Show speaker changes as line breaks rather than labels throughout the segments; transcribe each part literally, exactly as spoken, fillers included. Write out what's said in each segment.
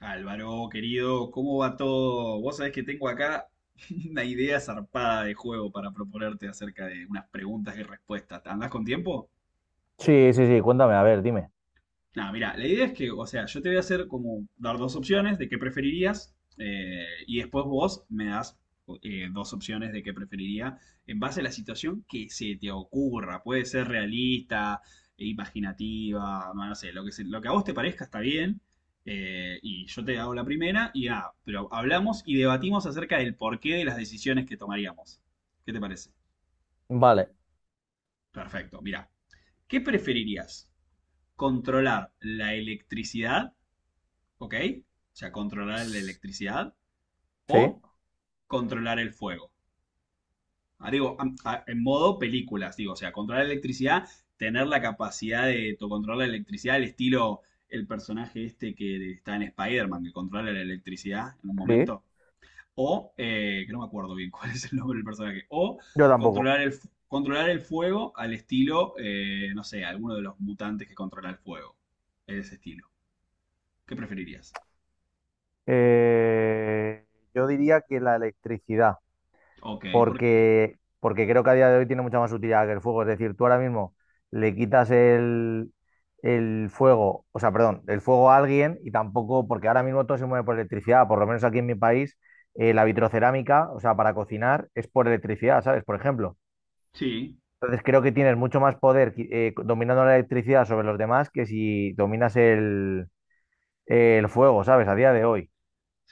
Álvaro, querido, ¿cómo va todo? Vos sabés que tengo acá una idea zarpada de juego para proponerte acerca de unas preguntas y respuestas. ¿Andás con tiempo?
Sí, sí, sí, cuéntame, a ver, dime.
No, mira, la idea es que, o sea, yo te voy a hacer como dar dos opciones de qué preferirías eh, y después vos me das eh, dos opciones de qué preferiría en base a la situación que se te ocurra. Puede ser realista e imaginativa, no, no sé, lo que, se- lo que a vos te parezca está bien. Eh, y yo te hago la primera y nada, pero hablamos y debatimos acerca del porqué de las decisiones que tomaríamos. ¿Qué te parece?
Vale.
Perfecto, mira, ¿qué preferirías? ¿Controlar la electricidad? ¿Ok? O sea, controlar la electricidad
Sí.
o controlar el fuego. Ah, digo, en modo películas, digo, o sea, controlar la electricidad, tener la capacidad de to- controlar la electricidad, el estilo, el personaje este que está en Spider-Man, que controla la electricidad en un
Sí,
momento. O, eh, que no me acuerdo bien cuál es el nombre del personaje. O
yo tampoco.
controlar el, controlar el fuego al estilo, eh, no sé, alguno de los mutantes que controla el fuego. Ese estilo. ¿Qué preferirías?
Eh, yo diría que la electricidad,
Ok, ¿por qué?
porque, porque creo que a día de hoy tiene mucha más utilidad que el fuego. Es decir, tú ahora mismo le quitas el, el fuego, o sea, perdón, el fuego a alguien y tampoco, porque ahora mismo todo se mueve por electricidad, por lo menos aquí en mi país. Eh, la vitrocerámica, o sea, para cocinar es por electricidad, ¿sabes? Por ejemplo.
Sí.
Entonces creo que tienes mucho más poder eh, dominando la electricidad sobre los demás que si dominas el, el fuego, ¿sabes? A día de hoy.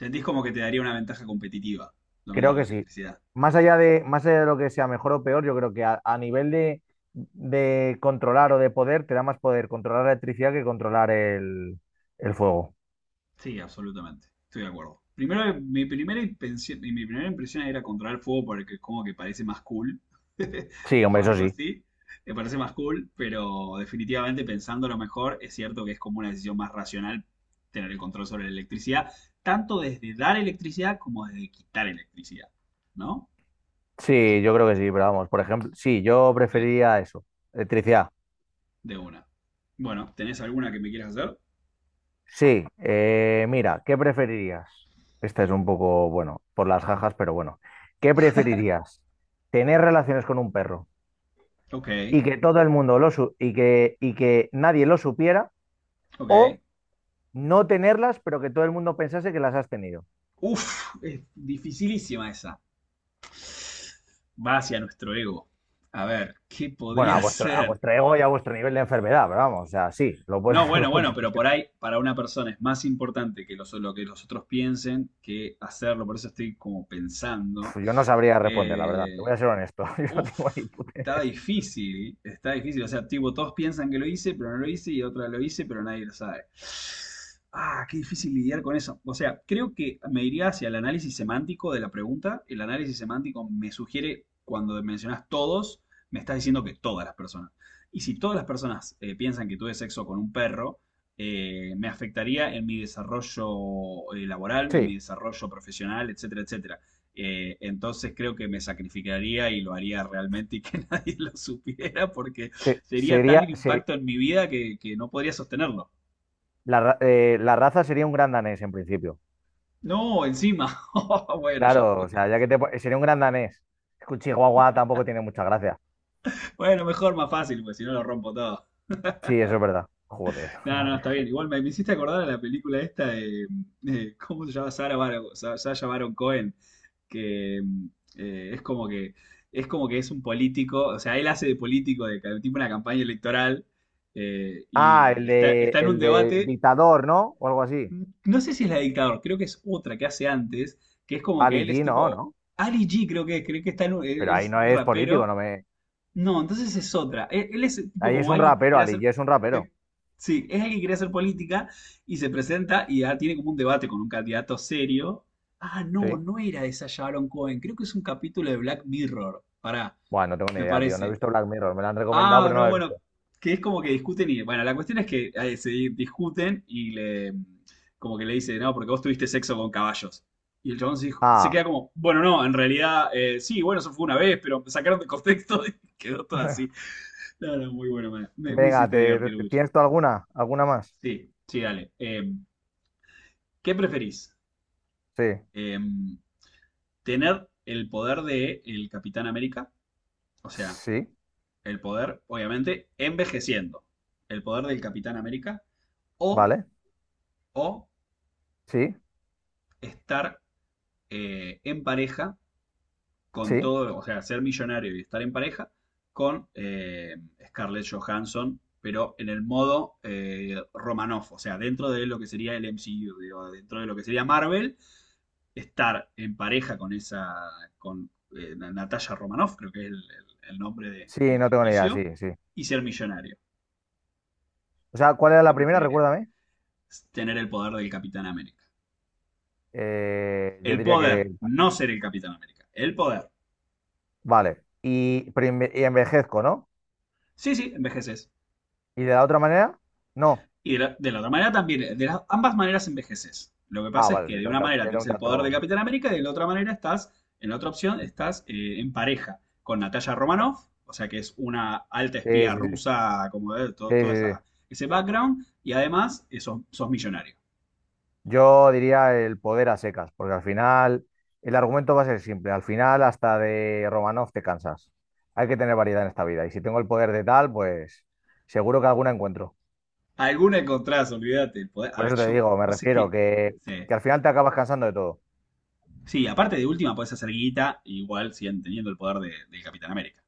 Sentís como que te daría una ventaja competitiva
Creo
dominar la
que sí.
electricidad.
Más allá de, más allá de lo que sea mejor o peor, yo creo que a, a nivel de, de controlar o de poder, te da más poder controlar la electricidad que controlar el, el fuego.
Sí, absolutamente. Estoy de acuerdo. Primero, mi primera impresión, mi primera impresión era controlar el fuego porque como que parece más cool.
Sí,
O
hombre, eso
algo
sí.
así. Me parece más cool, pero definitivamente pensándolo mejor, es cierto que es como una decisión más racional tener el control sobre la electricidad, tanto desde dar electricidad como desde quitar electricidad. ¿No? Eso
Sí, yo
está,
creo que sí, pero vamos, por ejemplo, sí, yo
sí,
preferiría eso, electricidad.
de una. Bueno, ¿tenés alguna que me quieras hacer?
Sí, eh, mira, ¿qué preferirías? Esta es un poco, bueno, por las jajas, pero bueno. ¿Qué preferirías? ¿Tener relaciones con un perro
Ok,
y que todo el mundo lo su- y que, y que nadie lo supiera,
ok.
o no tenerlas, pero que todo el mundo pensase que las has tenido?
Uf, es dificilísima esa. Va hacia nuestro ego. A ver, ¿qué
Bueno, a
podría
vuestro, a
ser?
vuestro ego y a vuestro nivel de enfermedad, pero vamos, o sea, sí, lo puedes
No,
hacer
bueno,
como tú
bueno, pero por
quieras.
ahí para una persona es más importante que los- lo que los otros piensen que hacerlo. Por eso estoy como
Uf,
pensando.
yo no sabría responder, la verdad, te voy
Eh,
a ser honesto, yo no tengo ni
Uf,
puta
está
idea.
difícil, está difícil. O sea, tipo, todos piensan que lo hice, pero no lo hice, y otra lo hice, pero nadie lo sabe. Ah, qué difícil lidiar con eso. O sea, creo que me iría hacia el análisis semántico de la pregunta. El análisis semántico me sugiere, cuando mencionas todos, me estás diciendo que todas las personas. Y si todas las personas eh, piensan que tuve sexo con un perro, eh, me afectaría en mi desarrollo eh, laboral, en
Sí,
mi desarrollo profesional, etcétera, etcétera. Eh, entonces creo que me sacrificaría y lo haría realmente y que nadie lo supiera porque
sí,
sería tal el
sería, se-
impacto en mi vida que, que no podría sostenerlo.
la, ra- eh, la raza sería un gran danés en principio.
No, encima. Oh, bueno, ya
Claro,
fue.
o sea, ya que te... po- sería un gran danés. Es que un chihuahua tampoco tiene mucha gracia.
Bueno, mejor, más fácil, pues si no lo rompo todo.
Sí, eso es verdad. Joder.
No,
la
no, está
Virgen.
bien. Igual me, me hiciste acordar de la película esta de, eh, ¿cómo se llama? Sarah Bar- Sa- Sacha Baron Cohen, que eh, es como que es como que es un político, o sea, él hace de político, de ca- tipo una campaña electoral, eh,
Ah, el
y está,
de,
está en un
el de
debate.
dictador, ¿no? O algo así.
No sé si es la de dictador, creo que es otra que hace antes, que es como que
Ali
él es
G, no,
tipo.
¿no?
Ali G, creo que es, creo que está en un- él-
Pero
él
ahí
es
no
un
es político,
rapero.
no me...
No, entonces es otra. Él, él es tipo
Ahí es
como
un
alguien que
rapero,
quiere
Ali
hacer.
G es un rapero.
Que, sí, es alguien que quiere hacer política y se presenta y ah, tiene como un debate con un candidato serio. Ah, no,
Sí.
no era esa Sharon Cohen, creo que es un capítulo de Black Mirror. Pará,
Bueno, no tengo ni
me
idea, tío. No he
parece.
visto Black Mirror. Me lo han recomendado,
Ah,
pero no
no,
lo he
bueno,
visto.
que es como que discuten y, bueno, la cuestión es que eh, se di- discuten y le, como que le dice, no, porque vos tuviste sexo con caballos. Y el chabón se, dijo- se
Ah,
queda como, bueno, no, en realidad, eh, sí, bueno, eso fue una vez, pero me sacaron de contexto y quedó todo así. No, no, muy bueno, me, me- me
venga,
hiciste
te...
divertir mucho.
¿Tienes tú alguna? ¿Alguna más?
Sí, sí, dale. Eh, ¿qué preferís?
Sí.
Eh, ¿tener el poder de el Capitán América? O sea,
Sí.
el poder, obviamente, envejeciendo. El poder del Capitán América o
Vale.
o
Sí.
estar eh, en pareja con
Sí.
todo, o sea, ser millonario y estar en pareja con eh, Scarlett Johansson, pero en el modo eh, Romanoff, o sea, dentro de lo que sería el M C U, digo, dentro de lo que sería Marvel, estar en pareja con esa, con eh, Natasha Romanoff, creo que es el, el- el nombre de,
Sí,
de
no tengo ni idea.
ficticio,
Sí, sí.
y ser millonario.
O sea, ¿cuál era la
¿Qué
primera?
preferirías?
Recuérdame.
Tener el poder del Capitán América.
Eh, yo
El
diría
poder,
que,
no ser el Capitán América. El poder.
vale, y, pero enve- y envejezco, ¿no?
Sí, sí, envejeces.
¿Y de la otra manera? No.
Y de la, de la otra manera también, de las, ambas maneras envejeces. Lo que
Ah,
pasa es
vale, o
que
sea,
de
era un
una
dato.
manera
era
tenés
un
el poder de
dato-
Capitán América y de la otra manera estás, en la otra opción, estás eh, en pareja con Natalia
bueno,
Romanoff, o sea que es una alta
sí,
espía
sí, sí,
rusa, como de todo,
sí,
todo
sí, sí.
esa, ese background, y además eh, sos, sos millonario.
Yo diría el poder a secas, porque al final el argumento va a ser simple. Al final hasta de Romanov te cansas. Hay que tener variedad en esta vida. Y si tengo el poder de tal, pues seguro que alguna encuentro.
Alguna encontrás, olvídate. El poder, a
Por
ver,
eso te
yo,
digo, me
pues es
refiero
que.
que,
Sí.
que al final te acabas cansando de todo.
Sí, aparte de última, podés hacer guita igual siguen teniendo el poder de, del Capitán América.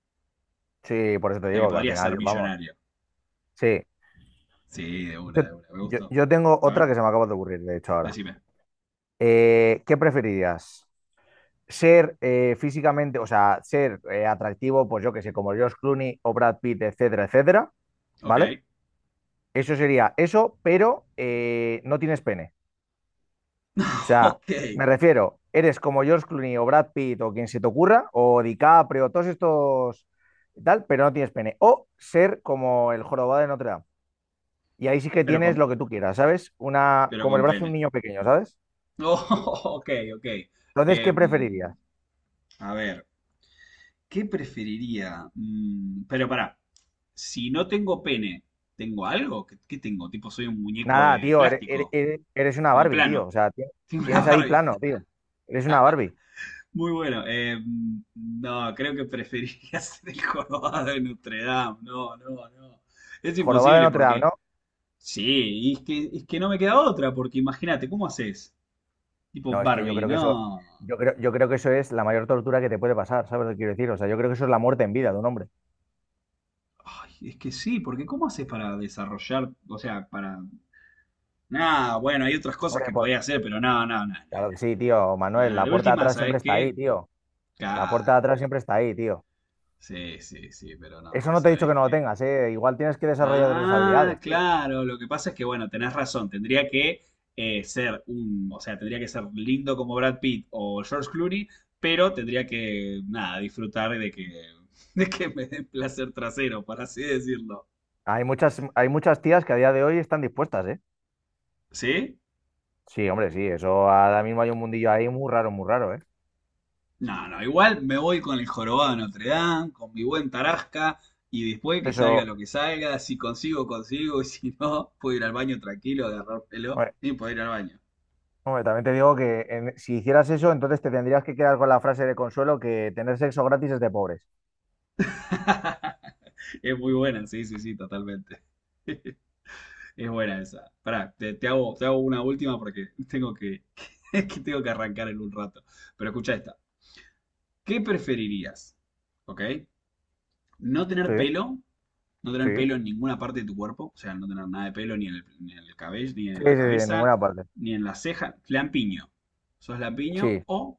Sí, por eso te
O sea que
digo que al
podrías ser
final, vamos.
millonario.
Sí,
Sí, de una,
Yo,
de una. Me
yo-
gustó.
yo tengo
A
otra
ver,
que se me acaba de ocurrir, de hecho, ahora.
decime.
Eh, ¿qué preferirías? ¿Ser eh, físicamente, o sea, ser eh, atractivo, pues yo que sé, como George Clooney o Brad Pitt, etcétera, etcétera? ¿Vale?
Ok,
Eso sería eso, pero eh, no tienes pene. O sea,
ok,
me refiero, eres como George Clooney o Brad Pitt o quien se te ocurra, o DiCaprio, todos estos y tal, pero no tienes pene. O ser como el jorobado de Notre Dame. Y ahí sí que
pero
tienes
con,
lo que tú quieras, ¿sabes? Una,
pero
como el
con
brazo de un
pene.
niño pequeño, ¿sabes?
No, ok, ok.
Entonces, ¿qué preferirías?
Em, a ver, ¿qué preferiría? Mm, pero pará, si no tengo pene, ¿tengo algo? ¿Qué, qué tengo? Tipo, soy un muñeco
Nada,
de
tío, eres,
plástico,
eres, eres una
tengo
Barbie, tío.
plano,
O sea, ti-
tengo una
tienes ahí
Barbie.
plano, tío. Eres una Barbie.
Muy bueno, em, no, creo que preferiría ser el jorobado de Notre Dame. No, no, no. Es
¿Jorobado de
imposible
Notre Dame,
porque,
no?
sí, y es que, es que no me queda otra, porque imagínate, ¿cómo haces? Tipo
No, es que yo
Barbie,
creo que eso,
no.
yo creo, yo creo que eso es la mayor tortura que te puede pasar, ¿sabes lo que quiero decir? O sea, yo creo que eso es la muerte en vida de un hombre.
Ay, es que sí, porque ¿cómo haces para desarrollar? O sea, para. Nah, bueno, hay otras cosas
Hombre,
que
por-
podía hacer, pero no, no, no, no,
claro que sí, tío,
no.
Manuel,
Nah,
la
de
puerta de
última,
atrás siempre
¿sabes
está ahí,
qué?
tío. La
Claro,
puerta de atrás
pero.
siempre está ahí, tío.
Sí, sí, sí, pero no,
Eso no te he dicho
¿sabes
que no lo
qué?
tengas, ¿eh? Igual tienes que desarrollar otras
Ah,
habilidades, tío.
claro, lo que pasa es que, bueno, tenés razón, tendría que eh, ser un. O sea, tendría que ser lindo como Brad Pitt o George Clooney, pero tendría que, nada, disfrutar de que, de que me den placer trasero, por así decirlo.
Hay muchas, hay muchas tías que a día de hoy están dispuestas, ¿eh?
¿Sí?
Sí, hombre, sí, eso ahora mismo hay un mundillo ahí muy raro, muy raro, ¿eh?
No, no, igual me voy con el jorobado de Notre Dame, con mi buen Tarasca, y después que salga
Eso,
lo que salga, si consigo, consigo, y si no, puedo ir al baño tranquilo, agarrar pelo
hombre,
y puedo ir al baño.
hombre, también te digo que en- si hicieras eso, entonces te tendrías que quedar con la frase de consuelo que tener sexo gratis es de pobres.
Es muy buena, sí, sí, sí, totalmente. Es buena esa. Pará, te, te hago, te hago una última porque tengo que, que tengo que arrancar en un rato. Pero escucha esta. ¿Qué preferirías? ¿Ok? ¿No
Sí,
tener pelo no tener
sí.
pelo en ninguna parte de tu cuerpo, o sea, no tener nada de pelo ni en el, ni en el cabello, ni en
Sí,
la
sí, sí, en
cabeza,
ninguna parte.
ni en la ceja, lampiño. Sos lampiño
Sí.
o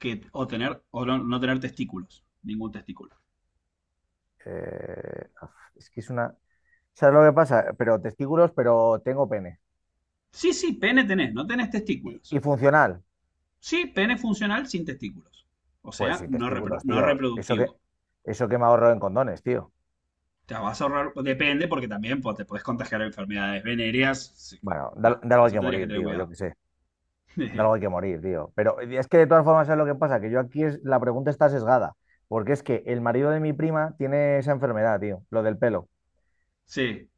que o tener o no, no tener testículos, ningún testículo.
Eh, es que es una... ¿Sabes lo que pasa? Pero testículos, pero tengo pene.
Sí, sí, pene tenés, no tenés
¿Y,
testículos.
y funcional?
Sí, pene funcional sin testículos. O
Pues
sea,
sin
no, repro-
testículos,
no
tío. Eso que,
reproductivo.
eso que me ahorro en condones, tío.
Te vas a ahorrar, depende, porque también pues, te podés contagiar enfermedades venéreas. Así que,
Bueno, da,
nada,
da, algo hay
eso
que
tendrías que
morir,
tener
tío. Yo
cuidado.
qué sé. De algo hay que morir, tío. Pero es que de todas formas, ¿sabes lo que pasa? Que yo aquí es, la pregunta está sesgada, porque es que el marido de mi prima tiene esa enfermedad, tío, lo del pelo.
Sí.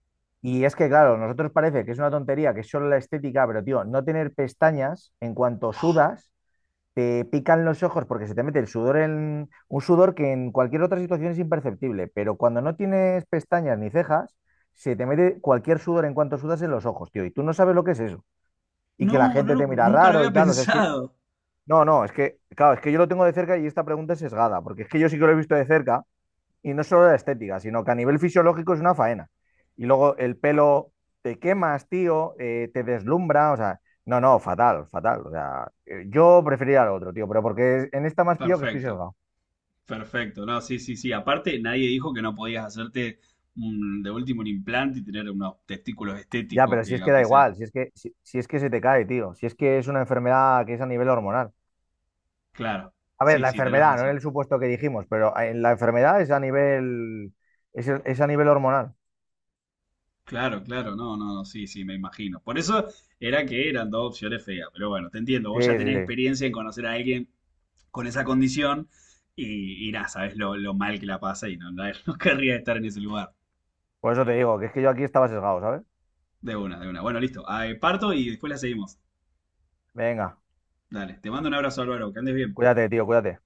Y es que, claro, nosotros parece que es una tontería, que es solo la estética, pero, tío, no tener pestañas en cuanto
Oh,
sudas, te pican los ojos porque se te mete el sudor en un sudor que en cualquier otra situación es imperceptible, pero cuando no tienes pestañas ni cejas, se te mete cualquier sudor en cuanto sudas en los ojos, tío, y tú no sabes lo que es eso. Y que la
no,
gente
no
te mira
nunca lo
raro y
había
tal, o sea, es que
pensado.
no, no, es que, claro, es que yo lo tengo de cerca y esta pregunta es sesgada, porque es que yo sí que lo he visto de cerca, y no solo la estética, sino que a nivel fisiológico es una faena. Y luego el pelo te quemas, tío, eh, te deslumbra, o sea, no, no, fatal, fatal. O sea, eh, yo preferiría lo otro, tío, pero porque en esta más pillo que estoy
Perfecto,
sesgado.
perfecto. No, sí, sí, sí. Aparte, nadie dijo que no podías hacerte un- de último un implante y tener unos testículos
Ya,
estéticos,
pero si
que
es que da
aunque sea.
igual, si es que, si, si es que se te cae, tío, si es que es una enfermedad que es a nivel hormonal.
Claro,
A ver,
sí,
la
sí, tenés
enfermedad, no en
razón.
el supuesto que dijimos, pero en la enfermedad es a nivel, es, es a nivel hormonal.
Claro, claro, no, no, no, sí, sí, me imagino. Por eso era que eran dos opciones feas, pero bueno, te entiendo. Vos ya
Sí, sí,
tenés
sí.
experiencia en conocer a alguien con esa condición y, y nada, sabés lo, lo mal que la pasa y no, no, no querría estar en ese lugar.
Por eso te digo, que es que yo aquí estaba sesgado, ¿sabes?
De una, de una. Bueno, listo. Ah, eh, parto y después la seguimos.
Venga,
Dale, te mando un abrazo, Álvaro, que andes bien.
cuídate, tío, cuídate.